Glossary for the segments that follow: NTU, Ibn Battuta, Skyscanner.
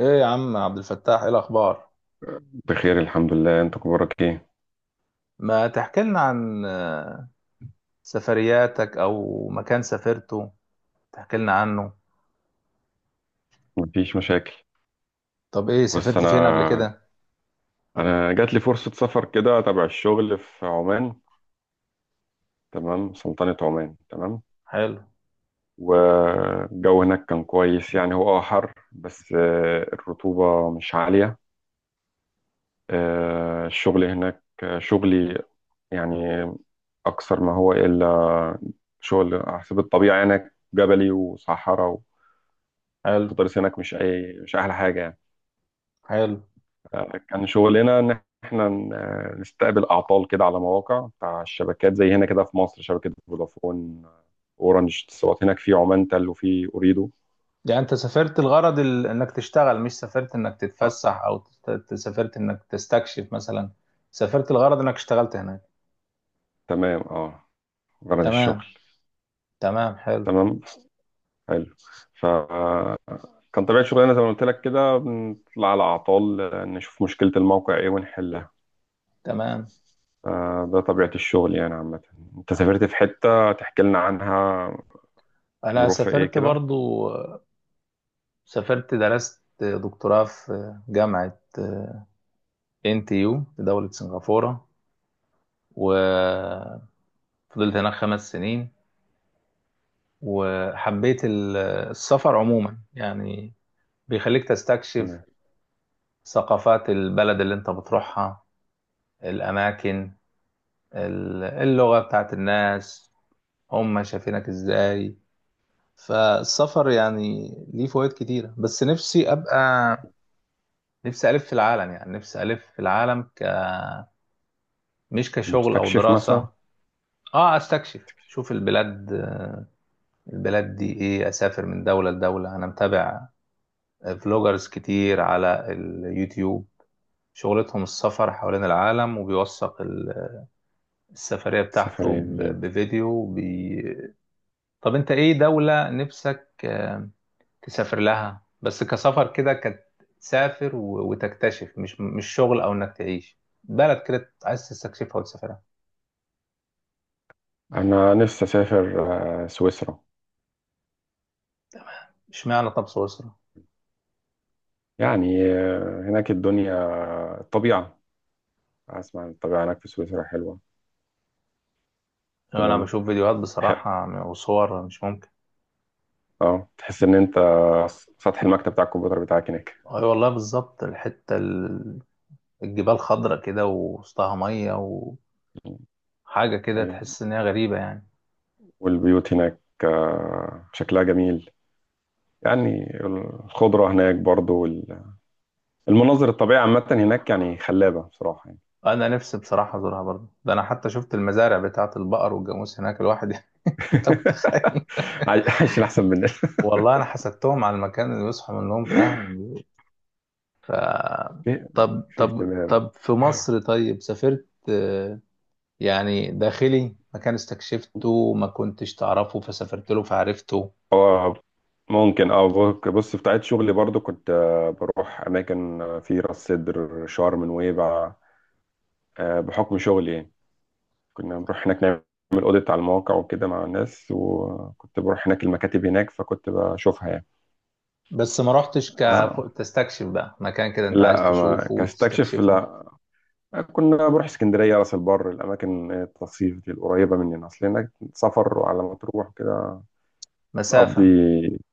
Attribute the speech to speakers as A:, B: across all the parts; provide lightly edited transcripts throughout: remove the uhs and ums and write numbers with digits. A: ايه يا عم عبد الفتاح، ايه الاخبار؟
B: بخير الحمد لله. انت اخبارك ايه؟
A: ما تحكي لنا عن سفرياتك او مكان سافرته، تحكي لنا عنه.
B: مفيش مشاكل.
A: طب ايه؟
B: بص
A: سافرت فين قبل
B: انا
A: كده؟
B: انا جات لي فرصه سفر كده تبع الشغل في عمان. تمام، سلطنه عمان، تمام.
A: حلو.
B: والجو هناك كان كويس، يعني هو حر بس الرطوبه مش عاليه. الشغل هناك، شغلي يعني اكثر ما هو الا شغل على حسب الطبيعه هناك، جبلي وصحراء.
A: حلو.
B: والتضاريس هناك مش مش احلى حاجه يعني.
A: حلو.
B: كان شغلنا ان احنا نستقبل اعطال كده على مواقع بتاع الشبكات، زي هنا كده في مصر شبكه فودافون، اورنج، اتصالات، هناك في عمان تل وفي اوريدو.
A: يعني انت سافرت الغرض انك تشتغل، مش سافرت انك
B: آه،
A: تتفسح او سافرت انك تستكشف مثلا؟ سافرت الغرض انك اشتغلت هناك؟
B: تمام، اه، غرض الشغل.
A: تمام. تمام، حلو.
B: تمام، حلو. فكان طبيعه شغلنا زي ما قلت لك كده، بنطلع على اعطال، نشوف مشكله الموقع ايه ونحلها.
A: تمام.
B: ده طبيعه الشغل يعني عامه. انت سافرت في حته تحكي لنا عنها؟
A: انا
B: ظروفها ايه
A: سافرت
B: كده؟
A: برضو، سافرت درست دكتوراه في جامعة NTU في دولة سنغافورة، وفضلت هناك 5 سنين. وحبيت السفر عموما، يعني بيخليك تستكشف
B: تمام.
A: ثقافات البلد اللي انت بتروحها، الأماكن، اللغة بتاعت الناس، هم شايفينك ازاي. فالسفر يعني ليه فوائد كتيرة، بس نفسي أبقى، نفسي ألف في العالم، يعني نفسي ألف في العالم، مش كشغل أو
B: مستكشف مثلا.
A: دراسة. اه، استكشف، شوف البلاد، البلاد دي ايه. اسافر من دولة لدولة. انا متابع فلوجرز كتير على اليوتيوب، شغلتهم السفر حوالين العالم، وبيوثق السفرية بتاعته
B: سفرية.
A: بفيديو طب انت ايه دولة نفسك تسافر لها؟ بس كسفر كده، تسافر وتكتشف، مش شغل او انك تعيش بلد كده، عايز تستكشفها وتسافرها.
B: أنا نفسي أسافر سويسرا.
A: اشمعنى؟ طب سويسرا؟
B: يعني هناك الدنيا، الطبيعة. أسمع إن الطبيعة هناك في سويسرا حلوة.
A: انا
B: تمام.
A: بشوف فيديوهات
B: ح-
A: بصراحة وصور، مش ممكن.
B: اه، تحس إن أنت سطح المكتب بتاع الكمبيوتر بتاعك هناك.
A: اي والله، بالظبط. الحتة الجبال خضرة كده ووسطها مية، حاجة كده
B: أيوة.
A: تحس إن هي غريبة يعني.
B: والبيوت هناك شكلها جميل يعني. الخضرة هناك برضو وال- المناظر الطبيعية عامة هناك يعني خلابة بصراحة يعني.
A: أنا نفسي بصراحة أزورها برضه. ده أنا حتى شفت المزارع بتاعة البقر والجاموس هناك، الواحد يعني، أنت متخيل؟
B: عايشين أحسن مننا.
A: والله أنا حسدتهم على المكان اللي بيصحوا منهم، فاهم؟
B: في
A: طب
B: في
A: طب
B: اهتمام.
A: طب، في مصر طيب سافرت، يعني داخلي مكان استكشفته ما كنتش تعرفه فسافرت له فعرفته؟
B: اه، ممكن. اه، بص بص، في بتاعت شغلي برضو كنت بروح اماكن في راس سدر، شرم، نويبع، بحكم شغلي يعني. كنا بنروح هناك نعمل اوديت على المواقع وكده مع الناس، وكنت بروح هناك المكاتب هناك فكنت بشوفها يعني.
A: بس ما رحتش
B: اه،
A: تستكشف بقى مكان كده أنت عايز
B: لا، ما
A: تشوفه
B: كاستكشف
A: وتستكشفه؟
B: لا. كنا بروح اسكندريه، راس البر، الاماكن التصيف دي القريبه مننا، اصل هناك سفر على ما تروح كده تقضي
A: مسافة.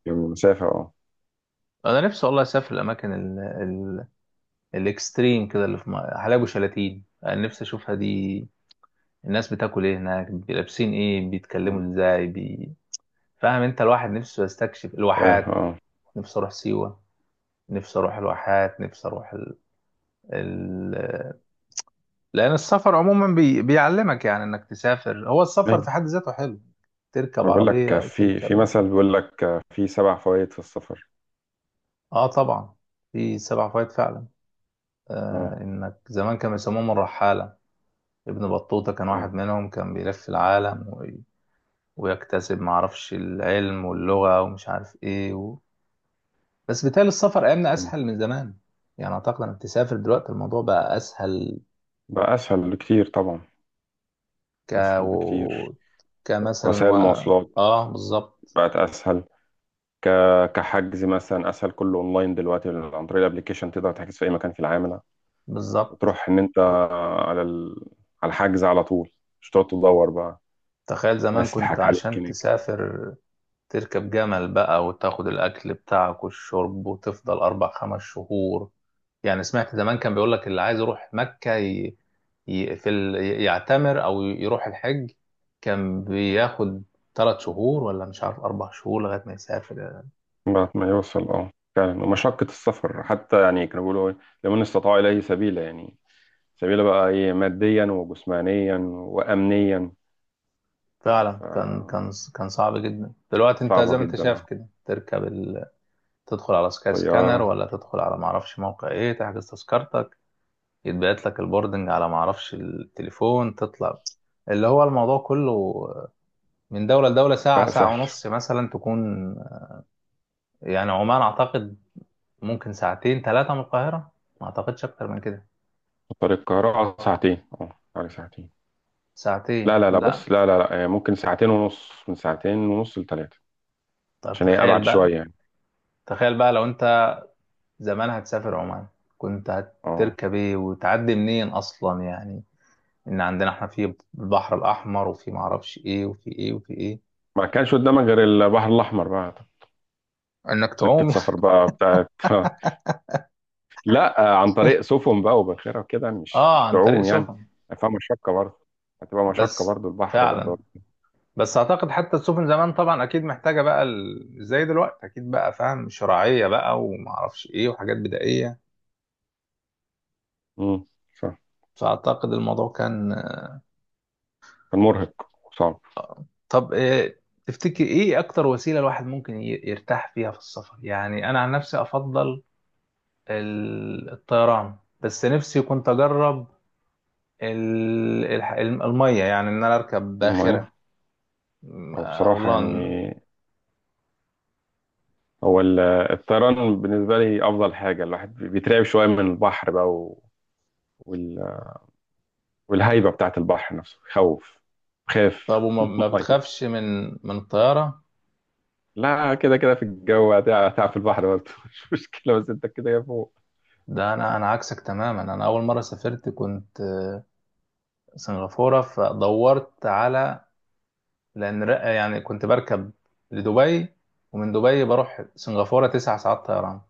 B: يوم مسافه، اه.
A: أنا نفسي والله أسافر الأماكن الاكستريم كده، اللي في حلايب وشلاتين، انا نفسي اشوفها دي. الناس بتاكل ايه هناك، لابسين ايه،
B: مم.
A: بيتكلموا ازاي، فاهم انت، الواحد نفسه يستكشف الواحات.
B: فاهم.
A: نفسي اروح سيوة، نفسي اروح الواحات، نفسي اروح ال... لان السفر عموما بيعلمك، يعني انك تسافر. هو السفر في
B: اه،
A: حد ذاته حلو، تركب
B: ما بقول
A: عربية
B: لك
A: او
B: في في
A: تركب.
B: مثل بيقول لك في 7 فوائد في السفر.
A: اه طبعا. في سبع فوائد فعلا.
B: اه.
A: آه، انك زمان كانوا يسموهم الرحالة. ابن بطوطة كان
B: اه.
A: واحد منهم، كان بيلف العالم ويكتسب معرفش العلم واللغة ومش عارف ايه بس بالتالي، السفر ايامنا
B: تمام.
A: اسهل من زمان. يعني اعتقد انك تسافر دلوقتي الموضوع بقى اسهل.
B: بقى اسهل بكتير طبعا.
A: ك
B: اسهل
A: و...
B: بكتير.
A: كمثلا
B: وسائل المواصلات
A: اه بالظبط.
B: بقت اسهل. ك... كحجز مثلا اسهل، كله اونلاين دلوقتي عن طريق الابليكيشن تقدر تحجز في اي مكان في العالم، لا.
A: بالظبط.
B: وتروح ان انت على ال... على الحجز على طول، مش تقعد تدور بقى.
A: تخيل زمان
B: الناس تضحك
A: كنت
B: عليك
A: عشان
B: هناك.
A: تسافر تركب جمل بقى، وتاخد الاكل بتاعك والشرب، وتفضل 4 5 شهور. يعني سمعت زمان كان بيقول لك اللي عايز يروح مكة ي... في ال... يعتمر أو يروح الحج، كان بياخد 3 شهور ولا مش عارف 4 شهور لغاية ما يسافر.
B: بعد ما يوصل، اه فعلا. ومشقة السفر حتى يعني كانوا بيقولوا إيه، لمن استطاع إليه سبيلا يعني. سبيلة بقى ايه؟ ماديا وجسمانيا وأمنيا.
A: فعلا،
B: ف
A: كان صعب جدا. دلوقتي أنت زي
B: صعبة
A: ما أنت
B: جدا
A: شايف كده تركب تدخل على سكاي سكانر،
B: طيارة.
A: ولا تدخل على معرفش موقع إيه، تحجز تذكرتك، يتبعت لك البوردنج على معرفش التليفون، تطلع. اللي هو الموضوع كله من دولة لدولة ساعة،
B: بقى
A: ساعة
B: سهل.
A: ونص مثلا تكون. يعني عمان أعتقد ممكن ساعتين ثلاثة من القاهرة، ما أعتقدش أكتر من كده.
B: طريق القاهرة اه 2 ساعة، اه، حوالي 2 ساعة.
A: ساعتين
B: لا
A: لا.
B: بص، لا ممكن 2:30، من 2:30 لـ3،
A: طب
B: عشان هي أبعد
A: تخيل بقى،
B: شوية يعني.
A: تخيل بقى لو أنت زمان هتسافر عمان كنت
B: اه،
A: هتركب إيه وتعدي منين أصلا يعني؟ إن عندنا إحنا في البحر الأحمر وفي معرفش إيه وفي إيه وفي إيه.
B: ما كانش قدامك غير البحر الأحمر بقى.
A: إنك
B: سكة
A: تعوم.
B: سفر بقى بتاعت لا عن طريق سفن بقى وباخرة وكده، مش
A: آه،
B: مش
A: عن طريق
B: تعوم يعني.
A: سفن،
B: فيها مشقة برضه، هتبقى مشقة
A: بس.
B: برضه، البحر
A: فعلا.
B: غدار.
A: بس أعتقد حتى السفن زمان طبعا أكيد محتاجة بقى زي دلوقتي، أكيد بقى فاهم، شراعية بقى ومعرفش إيه وحاجات بدائية.
B: امم، صح.
A: فأعتقد الموضوع كان.
B: كان مرهق وصعب.
A: طب تفتكر ايه اكتر وسيله الواحد ممكن يرتاح فيها في السفر؟ يعني انا عن نفسي افضل الطيران، بس نفسي كنت اجرب الميه، يعني ان انا اركب
B: ما-
A: باخره،
B: هو
A: او
B: بصراحة يعني
A: لان.
B: هو ال- الطيران بالنسبة لي أفضل حاجة. الواحد بيترعب شوية من البحر بقى و- وال- والهيبة بتاعة البحر نفسه بيخوف.
A: طب
B: خاف
A: وما ما
B: مية.
A: بتخافش من الطياره؟
B: لا، كده كده في الجو هتعب في البحر برضه مش مشكلة بس أنت كده يا فوق.
A: ده انا عكسك تماما. انا اول مره سافرت كنت سنغافوره، فدورت على، لان يعني كنت بركب لدبي، ومن دبي بروح سنغافوره 9 ساعات طيران.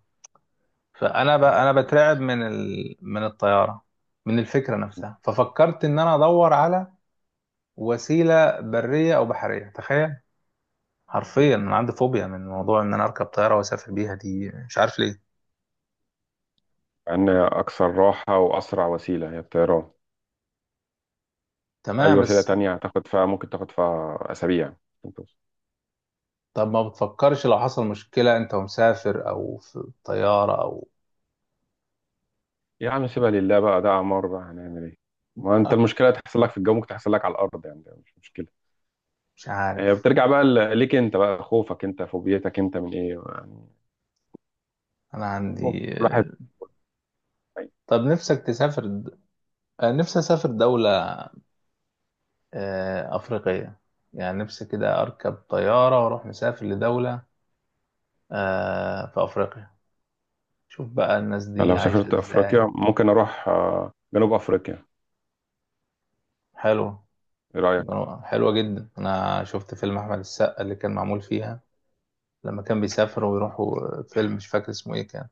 A: فانا انا بترعب من من الطياره، من الفكره نفسها. ففكرت ان انا ادور على وسيله بريه او بحريه، تخيل. حرفيا انا عندي فوبيا من موضوع ان انا اركب طياره واسافر بيها دي، مش عارف ليه.
B: إن أكثر راحة وأسرع وسيلة هي الطيران. أي
A: تمام،
B: وسيلة
A: بس.
B: تانية هتاخد فيها ممكن تاخد فيها أسابيع عشان توصل.
A: طب ما بتفكرش لو حصل مشكله انت ومسافر او في الطياره او؟
B: يا عم سيبها لله بقى، ده أعمار، بقى هنعمل إيه؟ ما أنت المشكلة تحصل لك في الجو ممكن تحصل لك على الأرض يعني، ده مش مشكلة.
A: مش
B: هي
A: عارف.
B: بترجع بقى ليك انت، بقى خوفك انت، فوبيتك انت من ايه يعني؟
A: انا
B: خوف
A: عندي.
B: كل واحد.
A: طب نفسك تسافر نفسي اسافر دوله افريقيه، يعني نفسي كده اركب طياره واروح مسافر لدوله في أفريقيا، شوف بقى الناس دي
B: لو
A: عايشة
B: سافرت
A: إزاي.
B: افريقيا ممكن اروح جنوب افريقيا.
A: حلوة.
B: ايه رايك؟
A: حلوة جدا. أنا شفت فيلم أحمد السقا اللي كان معمول فيها، لما كان بيسافر ويروحوا، فيلم مش فاكر اسمه إيه كان،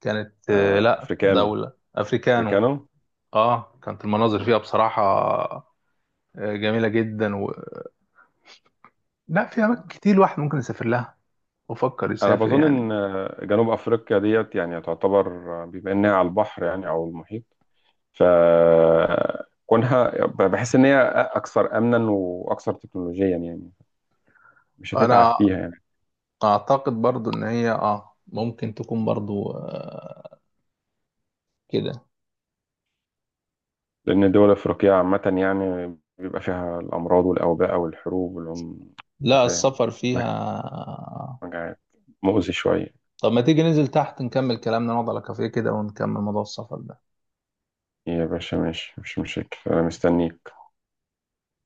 A: كانت لأ،
B: افريكانو،
A: دولة أفريكانو.
B: افريكانو.
A: كانت المناظر
B: مم.
A: فيها بصراحة جميلة جدا لا، في أماكن كتير الواحد ممكن يسافر لها وفكر
B: انا
A: يسافر
B: بظن
A: يعني.
B: ان جنوب افريقيا ديت يعني تعتبر، بما انها على البحر يعني او المحيط، ف كونها بحس ان هي اكثر امنا واكثر تكنولوجيا يعني، مش هتتعب
A: أنا
B: فيها.
A: أعتقد برضو إن هي ممكن تكون برضو كده.
B: لأن الدول الأفريقية عامة يعني بيبقى فيها الأمراض والأوباء والحروب والعم، أنت
A: لا،
B: فاهم،
A: السفر فيها.
B: مجاعات، مؤذي شوية.
A: طب ما تيجي ننزل تحت نكمل كلامنا، نقعد على كافيه كده ونكمل موضوع السفر ده؟
B: يا باشا ماشي، مش مشاكل، أنا مستنيك.